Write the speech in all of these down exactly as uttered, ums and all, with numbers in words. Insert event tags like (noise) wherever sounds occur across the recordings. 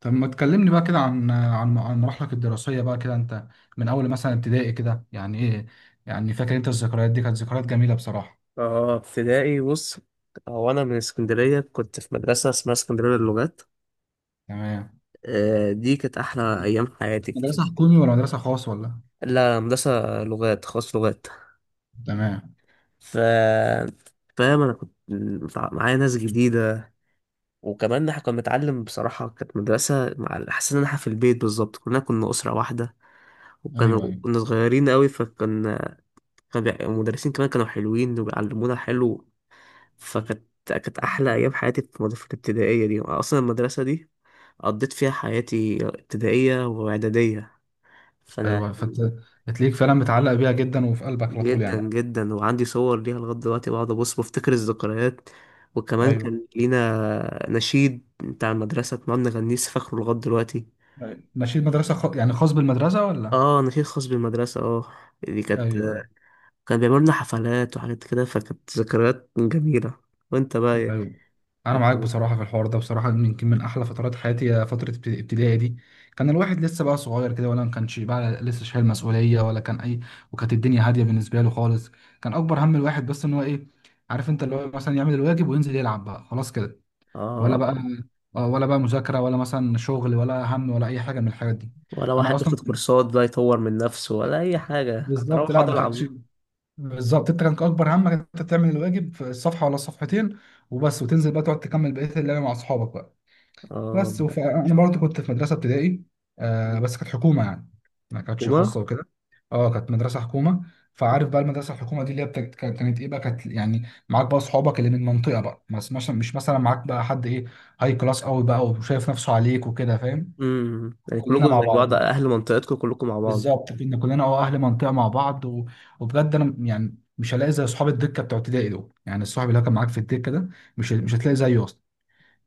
طب ما تكلمني بقى كده عن عن عن مراحلك الدراسية بقى كده انت؟ من اول مثلا ابتدائي كده يعني ايه؟ يعني فاكر انت الذكريات دي كانت ذكريات جميلة بصراحة؟ اه، ابتدائي، بص. هو انا من اسكندريه، كنت في مدرسه اسمها اسكندريه للغات. تمام. آه، دي كانت احلى ايام حياتي. مدرسة حكومي ولا مدرسة خاص ولا؟ لا، مدرسه لغات، خاص، لغات. تمام. ف فاهم انا كنت متع- معايا ناس جديده. وكمان احنا كنا بنتعلم، بصراحه كانت مدرسه، مع حسيت ان احنا في البيت بالظبط، كلنا كنا اسره واحده. ايوه وكانوا ايوه. كنا صغيرين قوي، فكان كان بيع- المدرسين كمان كانوا حلوين وبيعلمونا حلو. فكانت كانت احلى ايام حياتي في المد- في الابتدائيه دي، اصلا المدرسه دي قضيت فيها حياتي ابتدائية وإعدادية. فأنا ايوه فانت تلاقيك فعلا متعلق بيها جدا وفي قلبك على طول جدا يعني؟ جدا، وعندي صور ليها لغاية دلوقتي، بقعد أبص بفتكر الذكريات. وكمان ايوه. كان لينا نشيد بتاع المدرسة كنا بنغنيه، لسه فاكره لغاية دلوقتي. أيوة. ماشي، مدرسة خ... يعني خاص بالمدرسة ولا؟ اه، نشيد خاص بالمدرسة. اه، دي ايوه. كانت ايوه. كان بيعملوا لنا حفلات وحاجات كده، فكانت ذكريات جميلة. وانت بقى إيه؟ ايوه انا معاك كانت- بصراحه، في الحوار ده بصراحه يمكن من احلى فترات حياتي هي فتره ابت- ابتدائي دي. كان الواحد لسه بقى صغير كده، ولا ما كانش بقى لسه شايل مسؤوليه، ولا كان اي. وكانت الدنيا هاديه بالنسبه له خالص. كان اكبر هم الواحد بس ان هو ايه، عارف انت اللي هو مثلا يعمل الواجب وينزل يلعب بقى خلاص كده. ولا بقى، اه، آه، ولا بقى مذاكره، ولا مثلا شغل، ولا هم، ولا اي حاجه من الحاجات دي. ولا انا واحد بياخد اصلا كورسات بقى يطور من نفسه، ولا أي حاجة. كنت أروح بالظبط، لا أقعد ما كانش. ألعب. بالظبط، انت كان اكبر همك انت تعمل الواجب في الصفحه ولا الصفحتين وبس، وتنزل بقى تقعد تكمل بقيه اللعبه مع اصحابك بقى. اه، بس وف... انا برضه كنت في مدرسه ابتدائي، آه بس كانت حكومه يعني، ما كانتش وما؟ خاصه وكده. اه كانت مدرسه حكومه. فعارف بقى المدرسه الحكومه دي اللي هي بت... كانت كانت ايه بقى، كانت يعني معاك بقى اصحابك اللي من المنطقه بقى، بس مش مش مثلا معاك بقى حد ايه، هاي كلاس قوي بقى وشايف نفسه عليك وكده، فاهم؟ امم يعني كلنا كلكم مع زي بعض، بعض، اهل منطقتكم كلكم مع بعض. بالظبط كنا كلنا اه اهل منطقه مع بعض. و... وبجد انا يعني مش هلاقي زي اصحاب الدكه بتوع ابتدائي دول، يعني الصاحب اللي هو كان معاك في الدكه ده مش مش مم. هتلاقي زيه اصلا.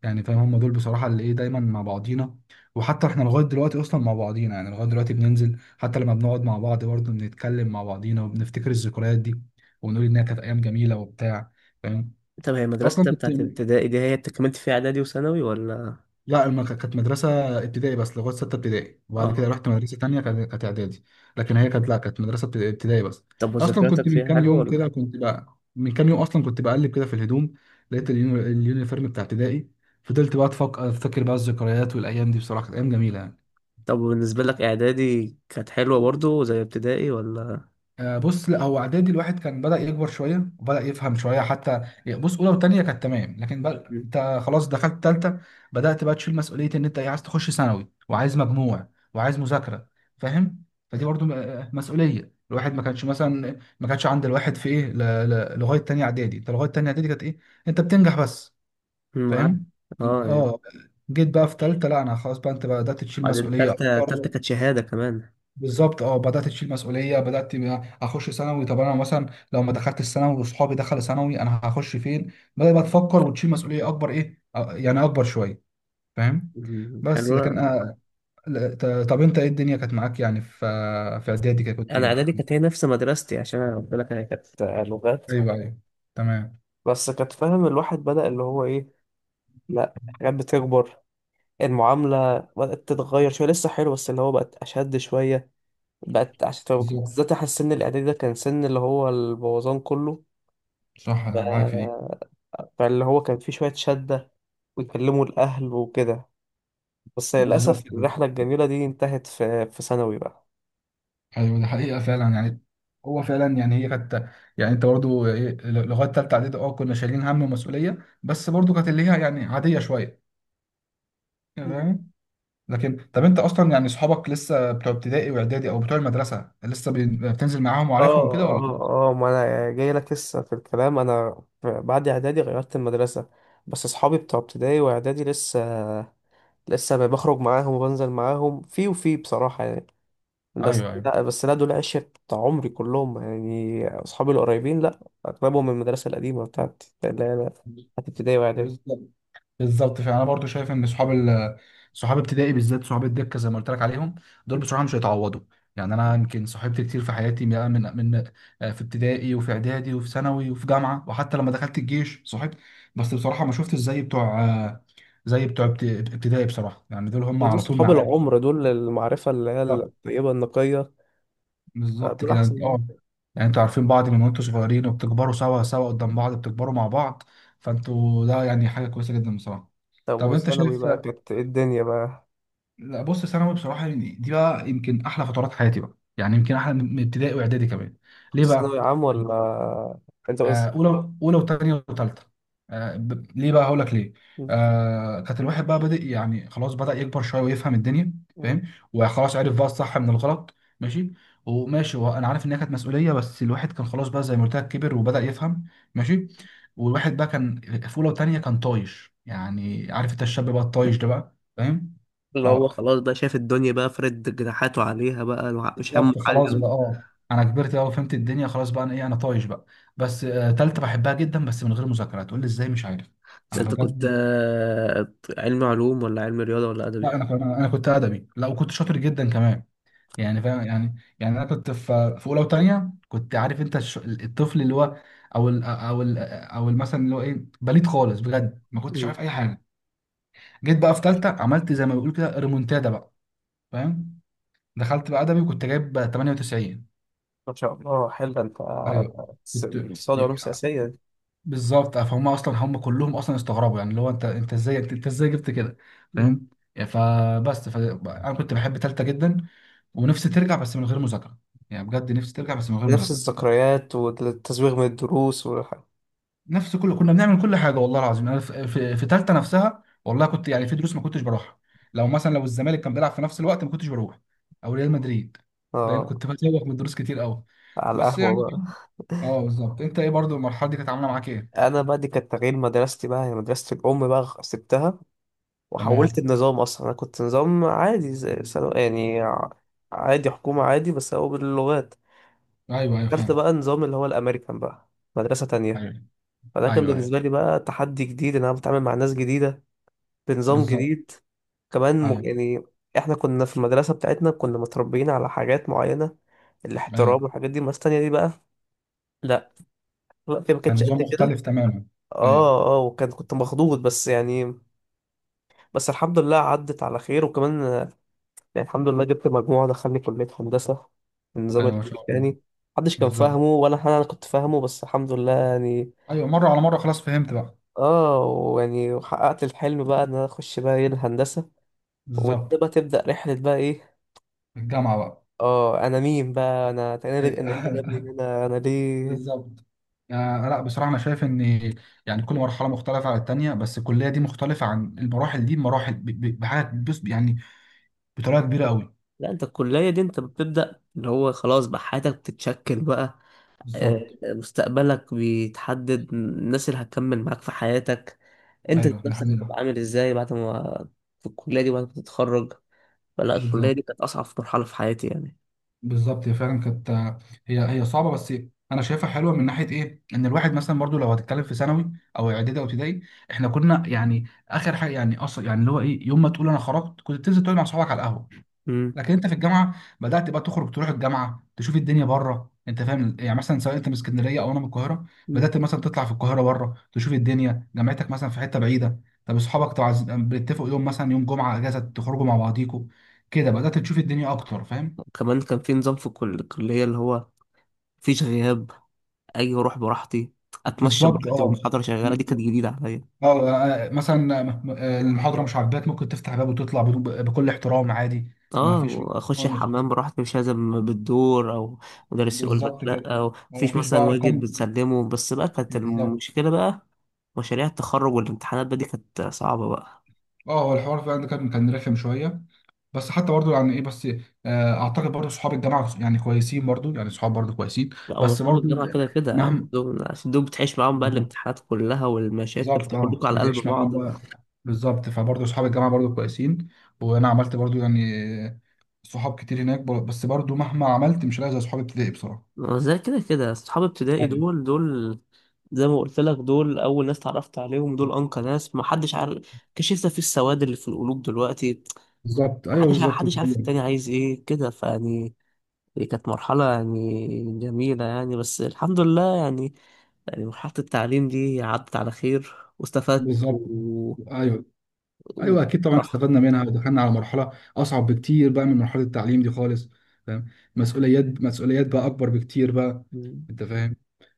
يعني فاهم، هم دول بصراحة اللي ايه، دايما مع بعضينا. وحتى احنا لغاية دلوقتي اصلا مع بعضينا، يعني لغاية دلوقتي بننزل، حتى لما بنقعد مع بعض برضه بنتكلم مع بعضينا وبنفتكر الذكريات دي ونقول انها كانت ايام جميلة وبتاع. فاهم؟ طب هي مدرستك اصلا كنت، بتاعت ابتدائي دي هي كملت فيها اعدادي وثانوي، ولا؟ لا الم- كانت مدرسة ابتدائي بس لغاية ستة ابتدائي، وبعد كده اه، رحت مدرسة تانية كانت كانت إعدادي. لكن هي كانت، لا كانت مدرسة ابت- ابتدائي بس. طب أصلا كنت وذاكرتك من فيها كام حلوه، يوم ولا؟ كده، كنت بقى من كام يوم أصلا كنت بقلب كده في الهدوم، لقيت اليوني- اليونيفورم بتاع ابتدائي. فضلت بقى أتفك- أفتكر بقى الذكريات، والأيام دي بصراحة كانت أيام جميلة يعني. طب بالنسبه لك اعدادي كانت حلوه برضو زي ابتدائي، ولا؟ آه، بص لا هو اعدادي الواحد كان بدأ يكبر شويه وبدأ يفهم شويه حتى. بص اولى وثانيه كانت تمام، لكن بقى مم. انت خلاص دخلت ثالثه، بدأت بقى تشيل مسؤوليه ان انت إيه، عايز تخش ثانوي وعايز مجموع وعايز مذاكره. فاهم؟ فدي برضو م- آه، مسؤوليه الواحد ما كانش، مثلا ما كانش عند الواحد في ايه، ل- ل- لغايه ثانيه اعدادي، انت لغايه ثانيه اعدادي كانت ايه، انت بتنجح بس. معاك. فاهم؟ اه، يعني. اه جيت بقى في ثالثه، لا انا خلاص بقى انت بدأت تشيل بعدين مسؤوليه تالتة، تالتة اكتر. كانت شهاده كمان. بالظبط اه بدات تشيل مسؤوليه، بدات تبقى اخش ثانوي، طب انا مثلا لو ما دخلت الثانوي وصحابي دخلوا ثانوي انا هخش فين. بدات بقى تفكر وتشيل مسؤوليه اكبر، ايه أ- يعني اكبر شويه. فاهم؟ مم. بس لكن حلوه. آه، لا، ت- طب انت ايه الدنيا كانت معاك يعني، في في اعدادي كده كنت انا ايه؟ اعدادي كانت هي نفس مدرستي، عشان انا قلت لك انا كانت لغات. ايوه ايوه. تمام. بس كانت، فاهم، الواحد بدأ اللي هو ايه، لا حاجات بتكبر. المعاملة بدأت تتغير شوية، لسه حلو، بس اللي هو بقت أشد شوية، بقت عشان بالظبط. بالذات أحس السن الإعدادي ده كان سن اللي هو البوظان كله. صح انا معاك ف- في دي. فاللي هو كان فيه شوية شدة، ويكلموا الأهل وكده. بس بالظبط للأسف الرحلة الجميلة دي انتهت في في ثانوي بقى. ايوه دي حقيقه فعلا يعني. هو فعلا يعني هي كانت، يعني انت برضو ايه لغايه ثالثه اعدادي اه كنا شايلين هم ومسؤوليه، بس برضو كانت اللي هي يعني عاديه شويه. تمام. لكن طب انت اصلا يعني اصحابك لسه بتوع ابتدائي واعدادي او بتوع المدرسه لسه بي- بتنزل معاهم وعارفهم اه، كده ولا؟ اه، اه، ما انا جاي لك لسه في الكلام. انا بعد اعدادي غيرت المدرسه، بس اصحابي بتوع ابتدائي واعدادي لسه لسه بخرج معاهم وبنزل معاهم، في وفي بصراحه يعني. بس ايوه ايوه. لا بس لا دول عشرة بتاع عمري كلهم يعني. أصحابي القريبين، لا، أغلبهم من المدرسة القديمة، بتاعت اللي هي بتاعت ابتدائي وإعدادي. بالظبط. بالظبط فانا برضو شايف ان صحاب ال... صحاب ابتدائي بالذات صحاب الدكه زي ما قلت لك عليهم، دول بصراحه مش هيتعوضوا. يعني انا يمكن صاحبت كتير في حياتي بقى من من آه، في ابتدائي وفي اعدادي وفي ثانوي وفي جامعه، وحتى لما دخلت الجيش صاحبت. بس بصراحه ما شفتش زي بتوع آه، زي بتوع ابت- ابتدائي بصراحه، يعني دول هم دول على طول صحاب معايا. العمر، دول المعرفة اللي هي الطيبة النقية. لا، بالظبط دول كده أحسن انت مني. اه. يعني انتوا عارفين بعض من وانتوا صغيرين وبتكبروا سوا سوا قدام بعض، بتكبروا مع بعض. فانتوا ده يعني حاجه كويسه جدا بصراحه. طب طب انت وثانوي شايف، بقى كانت إيه الدنيا بقى؟ لا بص ثانوي بصراحه يعني دي بقى يمكن احلى فترات حياتي بقى، يعني يمكن احلى من من ابتدائي واعدادي كمان. كنت ليه ثانوي بقى؟ عام، ولا؟ أنت بس. آه، اولى اولى وثانيه وثالثه. آه، ب- ليه بقى هقول لك ليه. آه كانت الواحد بقى بادئ يعني خلاص بدأ يكبر شويه ويفهم الدنيا. مم. فاهم؟ وخلاص عرف بقى الصح من الغلط، ماشي. وماشي هو انا عارف انها كانت مسؤوليه، بس الواحد كان خلاص بقى زي ما قلت لك كبر وبدأ يفهم. ماشي. والواحد بقى كان في اولى وثانيه كان طايش، يعني عارف انت الشاب بقى الطايش ده بقى، فاهم؟ اللي هو اه خلاص بقى شايف الدنيا، بقى فرد جناحاته عليها بقى، الوع- مش همه بالظبط حاجة خلاص ده. بقى، اه انا كبرت بقى وفهمت الدنيا، خلاص بقى انا ايه انا طايش بقى. بس آه، تالتة بحبها جدا بس من غير مذاكرة، تقول لي ازاي مش عارف. انا انت كنت، بجد، آه، علمي علوم ولا علمي رياضة ولا لا أدبي؟ انا كنت، انا كنت ادبي، لا وكنت شاطر جدا كمان. يعني فاهم، يعني يعني انا كنت في في اولى وثانيه كنت عارف انت الش- الطفل اللي هو، او ال او ال او ال- مثلا اللي هو ايه بليد خالص بجد ما كنتش عارف اي حاجه. جيت بقى في ثالثه عملت زي ما بيقول كده ريمونتادا بقى، فاهم؟ دخلت بقى ادبي وكنت جايب تمانية وتسعين. ما شاء الله، حلو ده. انت ايوه. س- كنت اقتصاد وعلوم سياسية دي. بالظبط آه، فهم اصلا هم كلهم اصلا استغربوا يعني اللي هو انت انت ازاي، انت انت ازاي جبت كده. مم. فاهم؟ يعني فبس ف... انا كنت بحب تالتة جدا ونفسي ترجع بس من غير مذاكره. يعني بجد نفسي ترجع بس من غير نفس مذاكره. الذكريات، والتزويغ من الدروس والح... نفس كل، كنا بنعمل كل حاجه والله العظيم. انا في, في... في تالتة نفسها والله كنت يعني في دروس ما كنتش بروحها. لو مثلا لو الزمالك كان بيلعب في نفس الوقت ما كنتش بروح، او ريال مدريد. فاهم؟ اه، كنت بتسوق من دروس كتير قوي. على بس القهوة يعني بقى. اه بالظبط، انت ايه برضو المرحله دي كانت عامله معاك ايه؟ أنا بقى دي كانت تغيير مدرستي بقى يعني، مدرسة الأم بقى، غ- سبتها. وحولت تمام. النظام. أصلا أنا كنت نظام عادي زي ثانو- يعني ع- عادي، حكومة، عادي، بس هو باللغات. ايوه ايوه. دخلت فاهم. بقى نظام اللي هو الأمريكان بقى، مدرسة تانية. ايوه فده كان ايوه. ايوه بالنسبة لي بقى تحدي جديد، إن أنا بتعامل مع ناس جديدة بنظام بالظبط. جديد. كمان م... ايوه يعني احنا كنا في المدرسة بتاعتنا كنا متربيين على حاجات معينة، ايوه. الاحترام والحاجات دي. الناس التانية دي بقى لا، الوقت ما كان كانتش نظام قد كده. مختلف تماما. ايوه. اه، اه، وكان كنت مخضوض بس يعني. بس الحمد لله عدت على خير، وكمان آه، يعني الحمد لله جبت مجموعة دخلني كلية هندسة. النظام ايوه ما شاء الله. الأمريكاني محدش كان بالظبط. فاهمه، ولا أنا أنا كنت فاهمه، بس الحمد لله يعني. ايوه مره على مره خلاص فهمت بقى. اه، ويعني وحققت الحلم بقى ان انا اخش بقى ايه الهندسة. ومن بالظبط. هنا بقى تبدأ رحلة بقى ايه. الجامعه بقى. اه، انا مين بقى، انا انا اللي أنا اللي أيوة. جابني (laughs) هنا، انا ليه؟ بالظبط. آه لا بصراحه انا شايف ان، يعني كل مرحله مختلفه عن التانيه، بس الكليه دي مختلفه عن المراحل دي بمراحل، ب- ب- بحاجه بس يعني بطريقه كبيره قوي. لا، انت الكلية دي انت بتبدأ، اللي هو خلاص بقى حياتك بتتشكل بقى. آه، بالظبط. مستقبلك بيتحدد، الناس اللي هتكمل معاك في حياتك، انت ايوه ده نفسك هتبقى حقيقة. عامل ازاي بعد ما، في الكلية دي بعد ما تتخرج. فلا الكلية بالظبط. دي كانت أصعب مرحلة في حياتي يعني. بالظبط هي فعلا كانت، هي هي صعبه، بس انا شايفها حلوه من ناحيه ايه، ان الواحد مثلا برضو لو هتتكلم في ثانوي او اعدادي او ابتدائي، احنا كنا يعني اخر حاجه يعني اصلا، يعني اللي هو ايه يوم ما تقول انا خرجت كنت بتنزل تقعد مع اصحابك على القهوه. امم لكن انت في الجامعه بدات بقى تخرج تروح الجامعه تشوف الدنيا بره، انت فاهم يعني مثلا سواء انت من اسكندريه او انا من القاهره، مم. بدات مثلا تطلع في القاهره بره تشوف الدنيا، جامعتك مثلا في حته بعيده، طب اصحابك تعز- بتتفقوا يوم مثلا يوم جمعه اجازه تخرجوا مع بعضيكوا. كده بدات تشوف الدنيا اكتر، فاهم؟ كمان كان في نظام في الكل- الكلية، اللي هو مفيش غياب، أجي أروح براحتي، أتمشى بالظبط براحتي اه. والمحاضرة شغالة، دي م- كانت جديدة عليا. اه. آه، مثلا آه، م- المحاضره مش عاجباك ممكن تفتح باب وتطلع بدون، بكل احترام عادي. ما اه، فيش (laughs) واخش اه مش. الحمام براحتي، مش لازم بالدور، او مدرس يقول لك بالظبط كده. لا، او وما مفيش فيش مثلا بقى واجب ارقام. بتسلمه. بس بقى كانت بالظبط. المشكله بقى مشاريع التخرج والامتحانات بقى، دي كانت صعبه بقى. اه هو الحوار فعلا ده كان كان رخم شويه، بس حتى برضه يعني ايه بس آه، اعتقد برضه صحاب الجامعه يعني كويسين، برضه يعني صحاب برضه كويسين. لا، بس ومصحاب برضه الجامعه كده كده يعني مهما، دول، عشان دول بتعيش معاهم بقى الامتحانات كلها والمشاكل، بالظبط اه فكلكم على قلب بتعيش بعض. معاهم بقى. بالظبط فبرضه صحاب الجامعه برضه كويسين، وانا عملت برضه يعني صحاب كتير هناك بر- بس برضو مهما عملت مش هلاقي زي صحاب ابتدائي بصراحه. زي كده كده اصحاب ابتدائي ايوه. دول، دول زي ما قلت لك، دول اول ناس اتعرفت عليهم، دول انقى ناس، ما حدش عارف. كشفنا في السواد اللي في القلوب دلوقتي. بالظبط ايوه محدش، بالظبط، محدش دي عارف التاني حقيقة. عايز ايه كده، فيعني دي كانت مرحلة يعني جميلة يعني، بس الحمد لله يعني. يعني مرحلة التعليم دي عدت على خير واستفدت بالظبط. و... ايوه. ايوه اكيد طبعا وراح. استفدنا منها، ودخلنا على مرحله اصعب بكتير بقى من مرحله التعليم دي خالص. فاهم؟ مسؤوليات مسؤوليات بقى اكبر بكتير بقى، انت فاهم.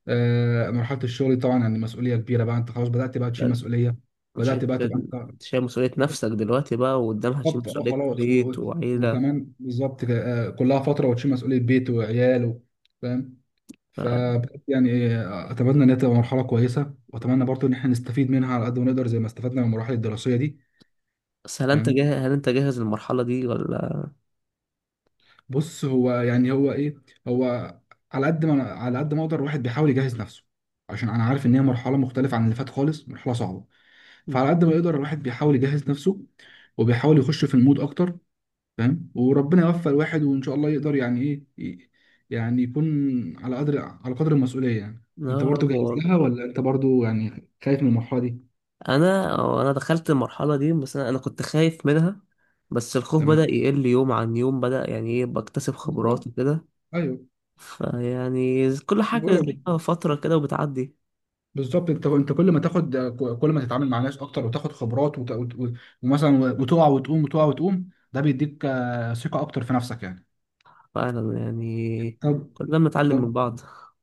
آه مرحله الشغل دي طبعا يعني مسؤوليه كبيره بقى، انت خلاص بدات بقى تشيل مسؤوليه، مش مش- بدات انت بقى تبقى شايل، انت. أنت شايل مسؤولية نفسك دلوقتي بقى، وقدامها تشيل بالظبط اه مسؤولية خلاص، و- بيت و- وعيلة. وكمان بالظبط كده، آه كلها فتره وتشيل مسؤوليه بيت وعيال. و- فاهم؟ ف ف- يعني إيه، اتمنى ان هي تبقى مرحله كويسه، واتمنى برضو ان احنا نستفيد منها على قد ما نقدر زي ما استفدنا من المراحل الدراسيه دي. بس هل انت فاهم؟ جاهز، هل انت جاهز للمرحلة دي، ولا؟ بص هو يعني هو ايه، هو على قد ما على قد ما اقدر الواحد بيحاول يجهز نفسه، عشان انا عارف ان هي مرحله مختلفه عن اللي فات خالص، مرحله صعبه. مم. فعلى قد ما يقدر الواحد بيحاول يجهز نفسه وبيحاول يخش في المود اكتر. فاهم؟ وربنا يوفق الواحد، وان شاء الله يقدر يعني ايه ي- يعني يكون على قدر على قدر المسؤوليه يعني. انت يا برضو رب جاهز والله. لها ولا انت برضو يعني خايف من المرحله دي؟ انا، انا دخلت المرحله دي، بس انا، أنا كنت خايف منها. بس الخوف بدا تمام. يقل يوم عن يوم، بدا يعني ايه بكتسب خبرات بالظبط. وكده. ايوه. فيعني كل أنا حاجه بقول لك ليها بت- فتره كده وبتعدي. بالظبط انت، انت كل ما تاخد، كل ما تتعامل مع ناس اكتر وتاخد خبرات وت... وت... وت- ومثلا وتقع وتقوم وتقع وتقوم، ده بيديك آه، ثقة اكتر في نفسك يعني. فعلا يعني طب، كلنا بنتعلم من طب بعض.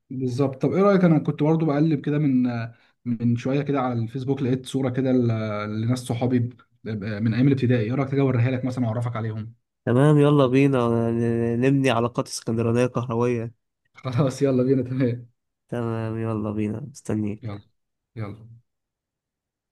بالظبط، طب ايه رأيك انا كنت برضو بقلب كده من آه، من شوية كده على الفيسبوك، لقيت صورة كده ل- لناس صحابي ب- ب- من ايام الابتدائي، ايه رأيك تجي اوريها لك مثلا واعرفك عليهم؟ تمام، يلا بينا ن- نبني علاقات اسكندرانيه كهرويه. (laughs) خلاص يلا بينا، تمام تمام، يلا بينا، مستنيك. يلا، يلا.